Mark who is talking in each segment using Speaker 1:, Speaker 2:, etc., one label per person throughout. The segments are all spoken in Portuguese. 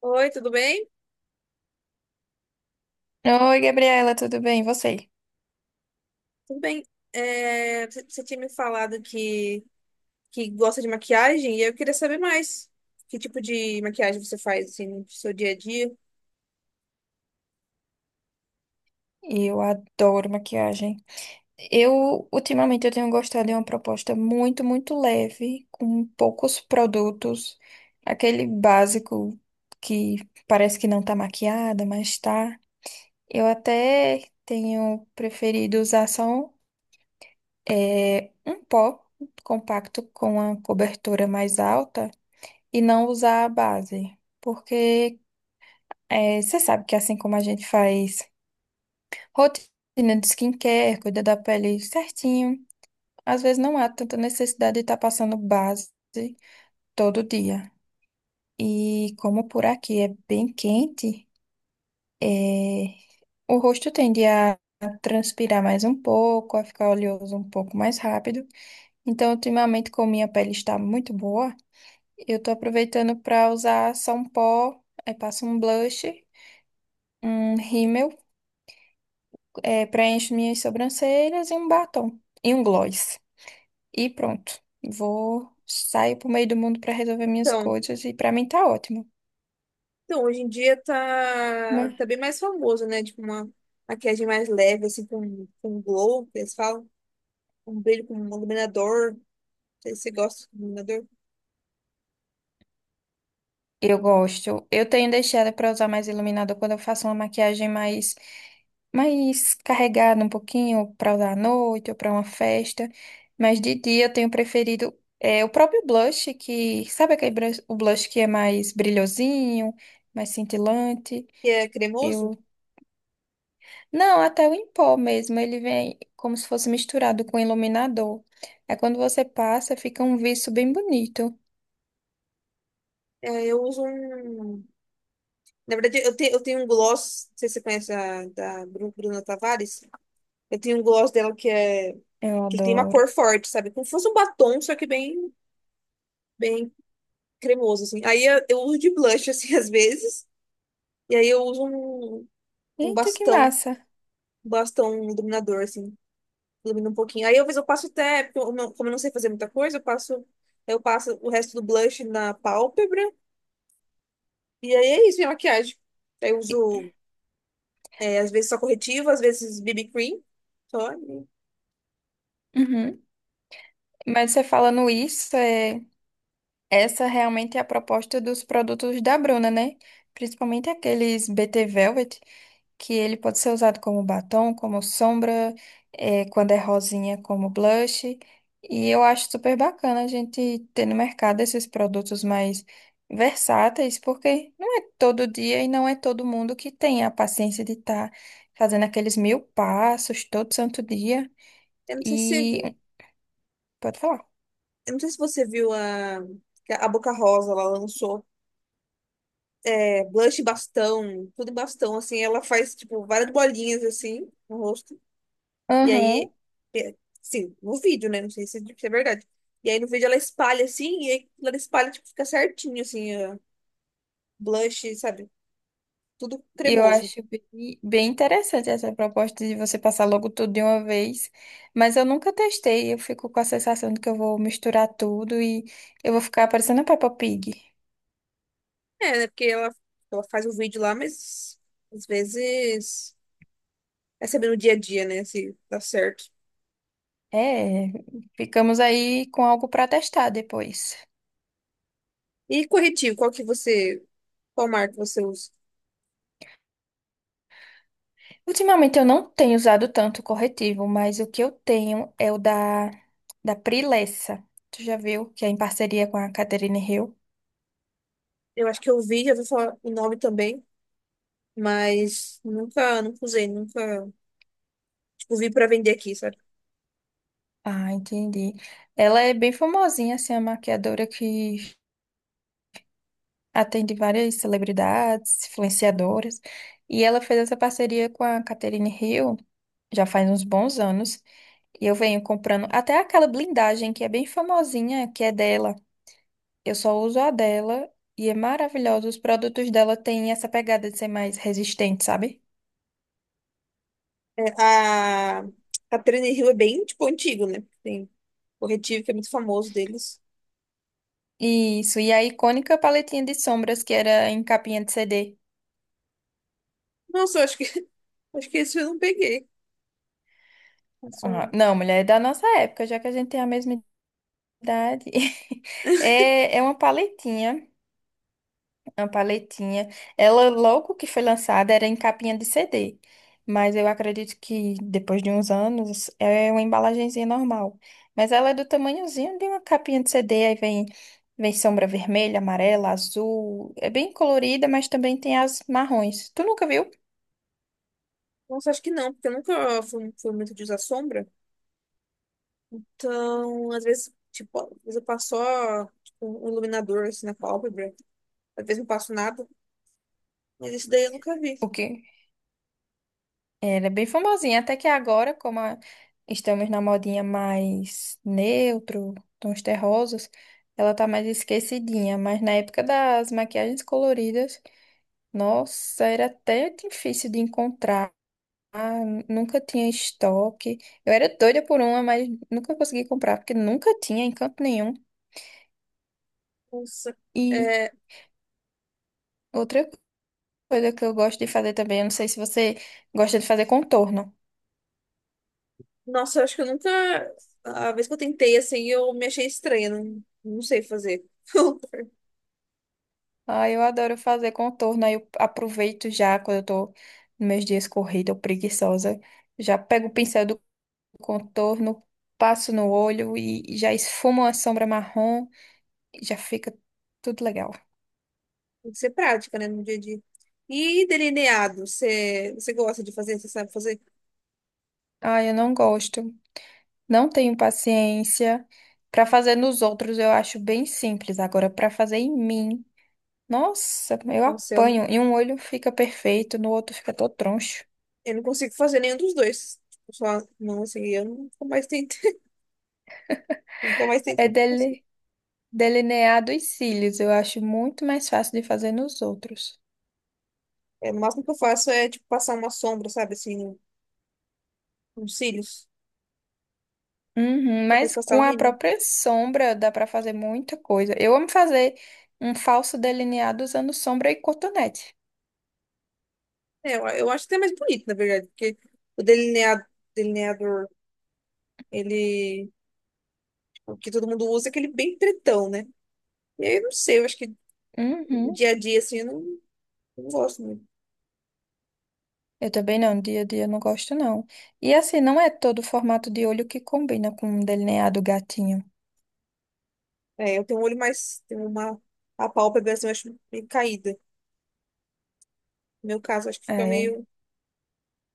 Speaker 1: Oi, tudo bem?
Speaker 2: Oi, Gabriela, tudo bem? E você?
Speaker 1: Tudo bem. Você tinha me falado que gosta de maquiagem e eu queria saber mais. Que tipo de maquiagem você faz assim, no seu dia a dia?
Speaker 2: Eu adoro maquiagem. Ultimamente, eu tenho gostado de uma proposta muito, muito leve, com poucos produtos. Aquele básico que parece que não tá maquiada, mas tá. Eu até tenho preferido usar só um pó compacto com a cobertura mais alta e não usar a base. Porque você sabe que assim como a gente faz. Rotina de skincare, cuida da pele certinho. Às vezes não há tanta necessidade de estar passando base todo dia. E como por aqui é bem quente, é, o rosto tende a transpirar mais um pouco, a ficar oleoso um pouco mais rápido. Então, ultimamente, como minha pele está muito boa, eu estou aproveitando para usar só um pó, aí passo um blush, um rímel, preencho minhas sobrancelhas e um batom. E um gloss. E pronto. Vou sair pro meio do mundo para resolver minhas
Speaker 1: Então,
Speaker 2: coisas e para mim tá ótimo,
Speaker 1: então, hoje em dia tá,
Speaker 2: né?
Speaker 1: tá bem mais famoso, né? Tipo uma maquiagem mais leve, assim, com glow, que eles falam. Um brilho com um iluminador. Não sei se você gosta de iluminador.
Speaker 2: Eu gosto. Eu tenho deixado para usar mais iluminador quando eu faço uma maquiagem mais mais carregada um pouquinho para usar à noite ou para uma festa, mas de dia eu tenho preferido o próprio blush que, sabe o blush que é mais brilhosinho, mais cintilante?
Speaker 1: Que é cremoso.
Speaker 2: Eu Não, até o em pó mesmo, ele vem como se fosse misturado com iluminador. Aí quando você passa, fica um viço bem bonito.
Speaker 1: É, eu uso um... Na verdade, eu tenho um gloss, não sei se você conhece da Bruna Tavares. Eu tenho um gloss dela
Speaker 2: Eu
Speaker 1: que tem uma
Speaker 2: adoro.
Speaker 1: cor forte, sabe? Como se fosse um batom, só que bem cremoso assim. Eu uso de blush assim às vezes, e aí eu uso um
Speaker 2: Eita, que
Speaker 1: bastão,
Speaker 2: massa!
Speaker 1: um bastão um iluminador assim, ilumina um pouquinho. Aí às vezes eu passo até, porque eu não- como eu não sei fazer muita coisa, eu passo o resto do blush na pálpebra, e aí é isso, minha maquiagem. Aí eu uso às vezes só corretivo, às vezes BB cream, só. E
Speaker 2: Uhum. Mas você falando isso, essa realmente é a proposta dos produtos da Bruna, né? Principalmente aqueles BT Velvet, que ele pode ser usado como batom, como sombra, quando é rosinha, como blush. E eu acho super bacana a gente ter no mercado esses produtos mais versáteis, porque não é todo dia e não é todo mundo que tem a paciência de estar fazendo aqueles mil passos todo santo dia.
Speaker 1: Eu não sei se você
Speaker 2: E
Speaker 1: viu,
Speaker 2: pode falar.
Speaker 1: eu não sei se você viu a que a Boca Rosa, ela lançou blush em bastão, tudo em bastão, assim. Ela faz, tipo, várias bolinhas, assim, no rosto. E aí, é, sim, no vídeo, né? Não sei se é verdade. E aí no vídeo ela espalha, assim, e aí ela espalha, tipo, fica certinho, assim, ó, blush, sabe? Tudo
Speaker 2: E eu
Speaker 1: cremoso.
Speaker 2: acho bem, bem interessante essa proposta de você passar logo tudo de uma vez, mas eu nunca testei, eu fico com a sensação de que eu vou misturar tudo e eu vou ficar parecendo a Peppa Pig.
Speaker 1: É, né? Porque ela faz o vídeo lá, mas às vezes é saber no dia a dia, né? Se dá certo.
Speaker 2: É, ficamos aí com algo para testar depois.
Speaker 1: E corretivo, qual marca você usa?
Speaker 2: Ultimamente eu não tenho usado tanto corretivo, mas o que eu tenho é o da Prilessa. Tu já viu que é em parceria com a Catherine Hill?
Speaker 1: Eu acho que eu vi, já vou falar o nome também. Mas nunca usei, nunca, tipo, vi pra vender aqui, sabe?
Speaker 2: Ah, entendi. Ela é bem famosinha, assim, a maquiadora que atende várias celebridades, influenciadoras, e ela fez essa parceria com a Catherine Hill já faz uns bons anos, e eu venho comprando até aquela blindagem que é bem famosinha, que é dela. Eu só uso a dela e é maravilhosa. Os produtos dela têm essa pegada de ser mais resistente, sabe?
Speaker 1: É, a Trend Hill é bem, tipo, antigo, né? Tem corretivo que é muito famoso deles.
Speaker 2: Isso, e a icônica paletinha de sombras que era em capinha de CD.
Speaker 1: Nossa, acho que esse eu não peguei. A
Speaker 2: Ah,
Speaker 1: sombra.
Speaker 2: não, mulher, é da nossa época, já que a gente tem a mesma idade. É, é uma paletinha. Uma paletinha. Ela, logo que foi lançada, era em capinha de CD. Mas eu acredito que depois de uns anos é uma embalagenzinha normal. Mas ela é do tamanhozinho de uma capinha de CD. Aí vem, vem sombra vermelha, amarela, azul. É bem colorida, mas também tem as marrons. Tu nunca viu?
Speaker 1: Nossa, acho que não, porque eu nunca fui, fui muito de usar sombra. Então, às vezes, tipo, às vezes eu passo só, tipo, um iluminador, assim, na pálpebra. Às vezes não passo nada. Mas esse daí eu nunca vi.
Speaker 2: O quê? Ela é bem famosinha. Até que agora, estamos na modinha mais neutro, tons terrosos, ela tá mais esquecidinha. Mas na época das maquiagens coloridas. Nossa, era até difícil de encontrar, nunca tinha estoque. Eu era doida por uma, mas nunca consegui comprar, porque nunca tinha em canto nenhum.
Speaker 1: Nossa.
Speaker 2: E
Speaker 1: É,
Speaker 2: outra coisa que eu gosto de fazer também, eu não sei se você gosta de fazer contorno.
Speaker 1: nossa, eu acho que eu nunca. A vez que eu tentei, assim, eu me achei estranha. Não, não sei fazer.
Speaker 2: Ah, eu adoro fazer contorno, aí eu aproveito já quando eu tô nos meus dias corrida ou preguiçosa, já pego o pincel do contorno, passo no olho e já esfumo a sombra marrom e já fica tudo legal.
Speaker 1: Tem que ser prática, né, no dia a dia. E delineado, você gosta de fazer? Você sabe fazer?
Speaker 2: Ah, eu não gosto. Não tenho paciência. Pra fazer nos outros eu acho bem simples. Agora, pra fazer em mim, nossa, eu
Speaker 1: Nossa,
Speaker 2: apanho. Em um olho fica perfeito, no outro fica todo troncho.
Speaker 1: eu não consigo fazer nenhum dos dois. Tipo, só, não, assim, eu nunca mais tentei. Nunca mais tentei,
Speaker 2: É
Speaker 1: nunca consigo.
Speaker 2: dele... delineado os cílios. Eu acho muito mais fácil de fazer nos outros.
Speaker 1: É, o máximo que eu faço é, tipo, passar uma sombra, sabe, assim, nos cílios.
Speaker 2: Uhum,
Speaker 1: Depois
Speaker 2: mas
Speaker 1: passar o
Speaker 2: com a
Speaker 1: rímel.
Speaker 2: própria sombra dá pra fazer muita coisa. Eu amo fazer um falso delineado usando sombra e cotonete.
Speaker 1: É, eu acho até mais bonito, na verdade, porque o delineador, ele. O que todo mundo usa é aquele bem pretão, né? E aí, eu não sei, eu acho que no
Speaker 2: Uhum.
Speaker 1: dia a dia, assim, eu não, não gosto muito.
Speaker 2: Eu também não, dia a dia eu não gosto não. E assim, não é todo formato de olho que combina com o delineado gatinho.
Speaker 1: É, eu tenho um olho mais, tenho uma, a pálpebra, assim, eu acho meio caída. No meu caso, eu acho que fica
Speaker 2: É.
Speaker 1: meio,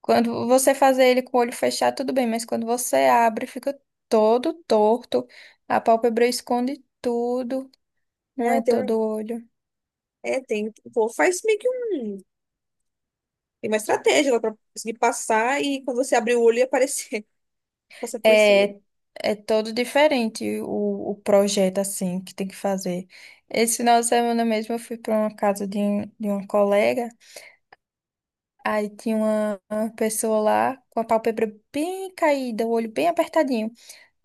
Speaker 2: Quando você fazer ele com o olho fechado, tudo bem, mas quando você abre, fica todo torto, a pálpebra esconde tudo, não
Speaker 1: é,
Speaker 2: é
Speaker 1: tem um,
Speaker 2: todo olho.
Speaker 1: é, tem, pô, faz meio que um, tem uma estratégia lá pra conseguir passar e quando você abrir o olho e aparecer, passar por cima.
Speaker 2: É, é todo diferente o projeto, assim, que tem que fazer. Esse final de semana mesmo eu fui para uma casa de uma colega. Aí tinha uma pessoa lá com a pálpebra bem caída, o olho bem apertadinho.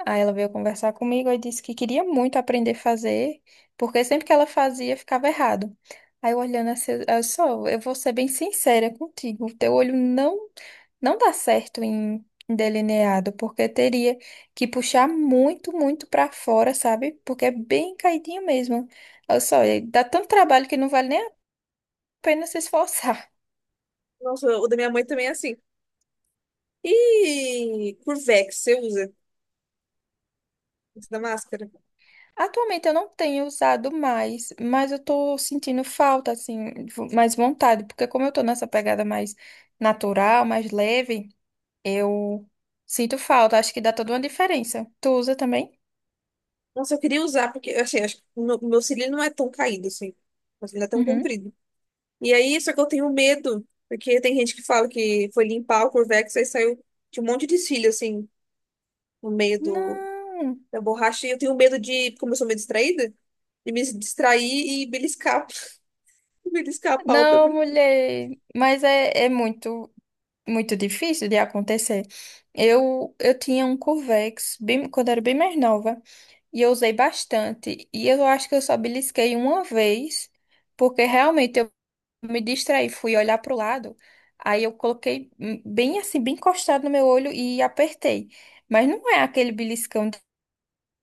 Speaker 2: Aí ela veio conversar comigo e disse que queria muito aprender a fazer, porque sempre que ela fazia ficava errado. Aí eu olhando assim, eu só, eu vou ser bem sincera contigo, o teu olho não dá certo em delineado, porque teria que puxar muito, muito para fora, sabe? Porque é bem caidinho mesmo. Olha só, e dá tanto trabalho que não vale nem a pena se esforçar.
Speaker 1: Nossa, o da minha mãe também é assim. E Curvex, você usa esse da máscara?
Speaker 2: Atualmente eu não tenho usado mais, mas eu tô sentindo falta, assim, mais vontade, porque como eu tô nessa pegada mais natural, mais leve, eu sinto falta. Acho que dá toda uma diferença. Tu usa também?
Speaker 1: Nossa, eu queria usar, porque assim, acho que o meu cílio não é tão caído assim. Meu cílio é tão
Speaker 2: Uhum.
Speaker 1: comprido. E aí, só que eu tenho medo, porque tem gente que fala que foi limpar o Curvex, aí saiu de um monte de cílio, assim, no meio do,
Speaker 2: Não,
Speaker 1: da borracha. E eu tenho medo de, como eu sou meio distraída, de me distrair e beliscar, beliscar a pálpebra.
Speaker 2: não, mulher. Mas é muito, muito difícil de acontecer. Eu tinha um Curvex bem, quando era bem mais nova e eu usei bastante. E eu acho que eu só belisquei uma vez, porque realmente eu me distraí, fui olhar pro lado, aí eu coloquei bem assim, bem encostado no meu olho e apertei. Mas não é aquele beliscão de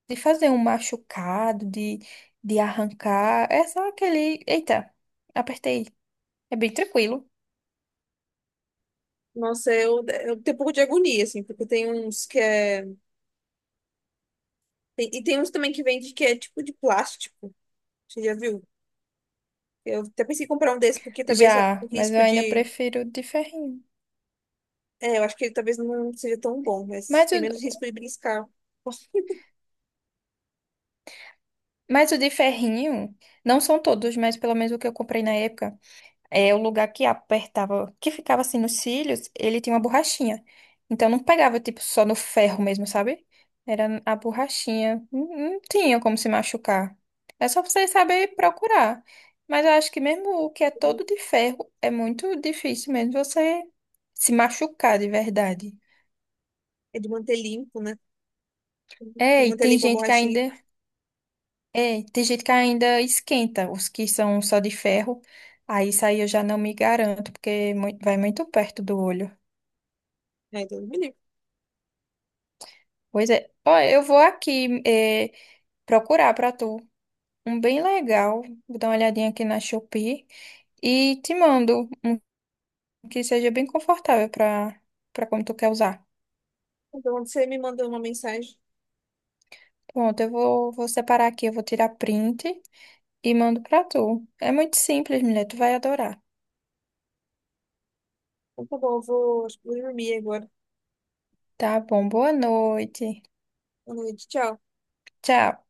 Speaker 2: fazer um machucado, de arrancar, é só aquele, eita, apertei. É bem tranquilo.
Speaker 1: Nossa, eu tenho um pouco de agonia, assim, porque tem uns que é. E tem uns também que vende que é tipo de plástico. Você já viu? Eu até pensei em comprar um desse, porque talvez o
Speaker 2: Já, mas eu
Speaker 1: risco
Speaker 2: ainda
Speaker 1: de.
Speaker 2: prefiro o de ferrinho.
Speaker 1: É, eu acho que ele talvez não seja tão bom, mas
Speaker 2: Mas
Speaker 1: tem menos
Speaker 2: o,
Speaker 1: risco de beliscar.
Speaker 2: mas o de ferrinho, não são todos, mas pelo menos o que eu comprei na época. É, o lugar que apertava, que ficava assim nos cílios, ele tinha uma borrachinha. Então não pegava tipo só no ferro mesmo, sabe? Era a borrachinha. Não, não tinha como se machucar. É só você saber procurar. Mas eu acho que mesmo o que é todo de ferro, é muito difícil mesmo você se machucar de verdade.
Speaker 1: É de manter limpo, né? Tem que
Speaker 2: É,
Speaker 1: manter limpo a borrachinha.
Speaker 2: tem gente que ainda esquenta os que são só de ferro. Aí isso aí eu já não me garanto, porque vai muito perto do olho.
Speaker 1: É, então, me livre.
Speaker 2: Pois é. Ó, eu vou aqui procurar pra tu um bem legal. Vou dar uma olhadinha aqui na Shopee e te mando um que seja bem confortável pra para como tu quer usar.
Speaker 1: Então, você me mandou uma mensagem.
Speaker 2: Pronto, eu vou separar aqui, eu vou tirar print e mando pra tu. É muito simples, mulher, tu vai adorar.
Speaker 1: Então, tá bom, eu vou, acho que vou dormir agora.
Speaker 2: Tá bom, boa noite.
Speaker 1: Boa noite, tchau.
Speaker 2: Tchau.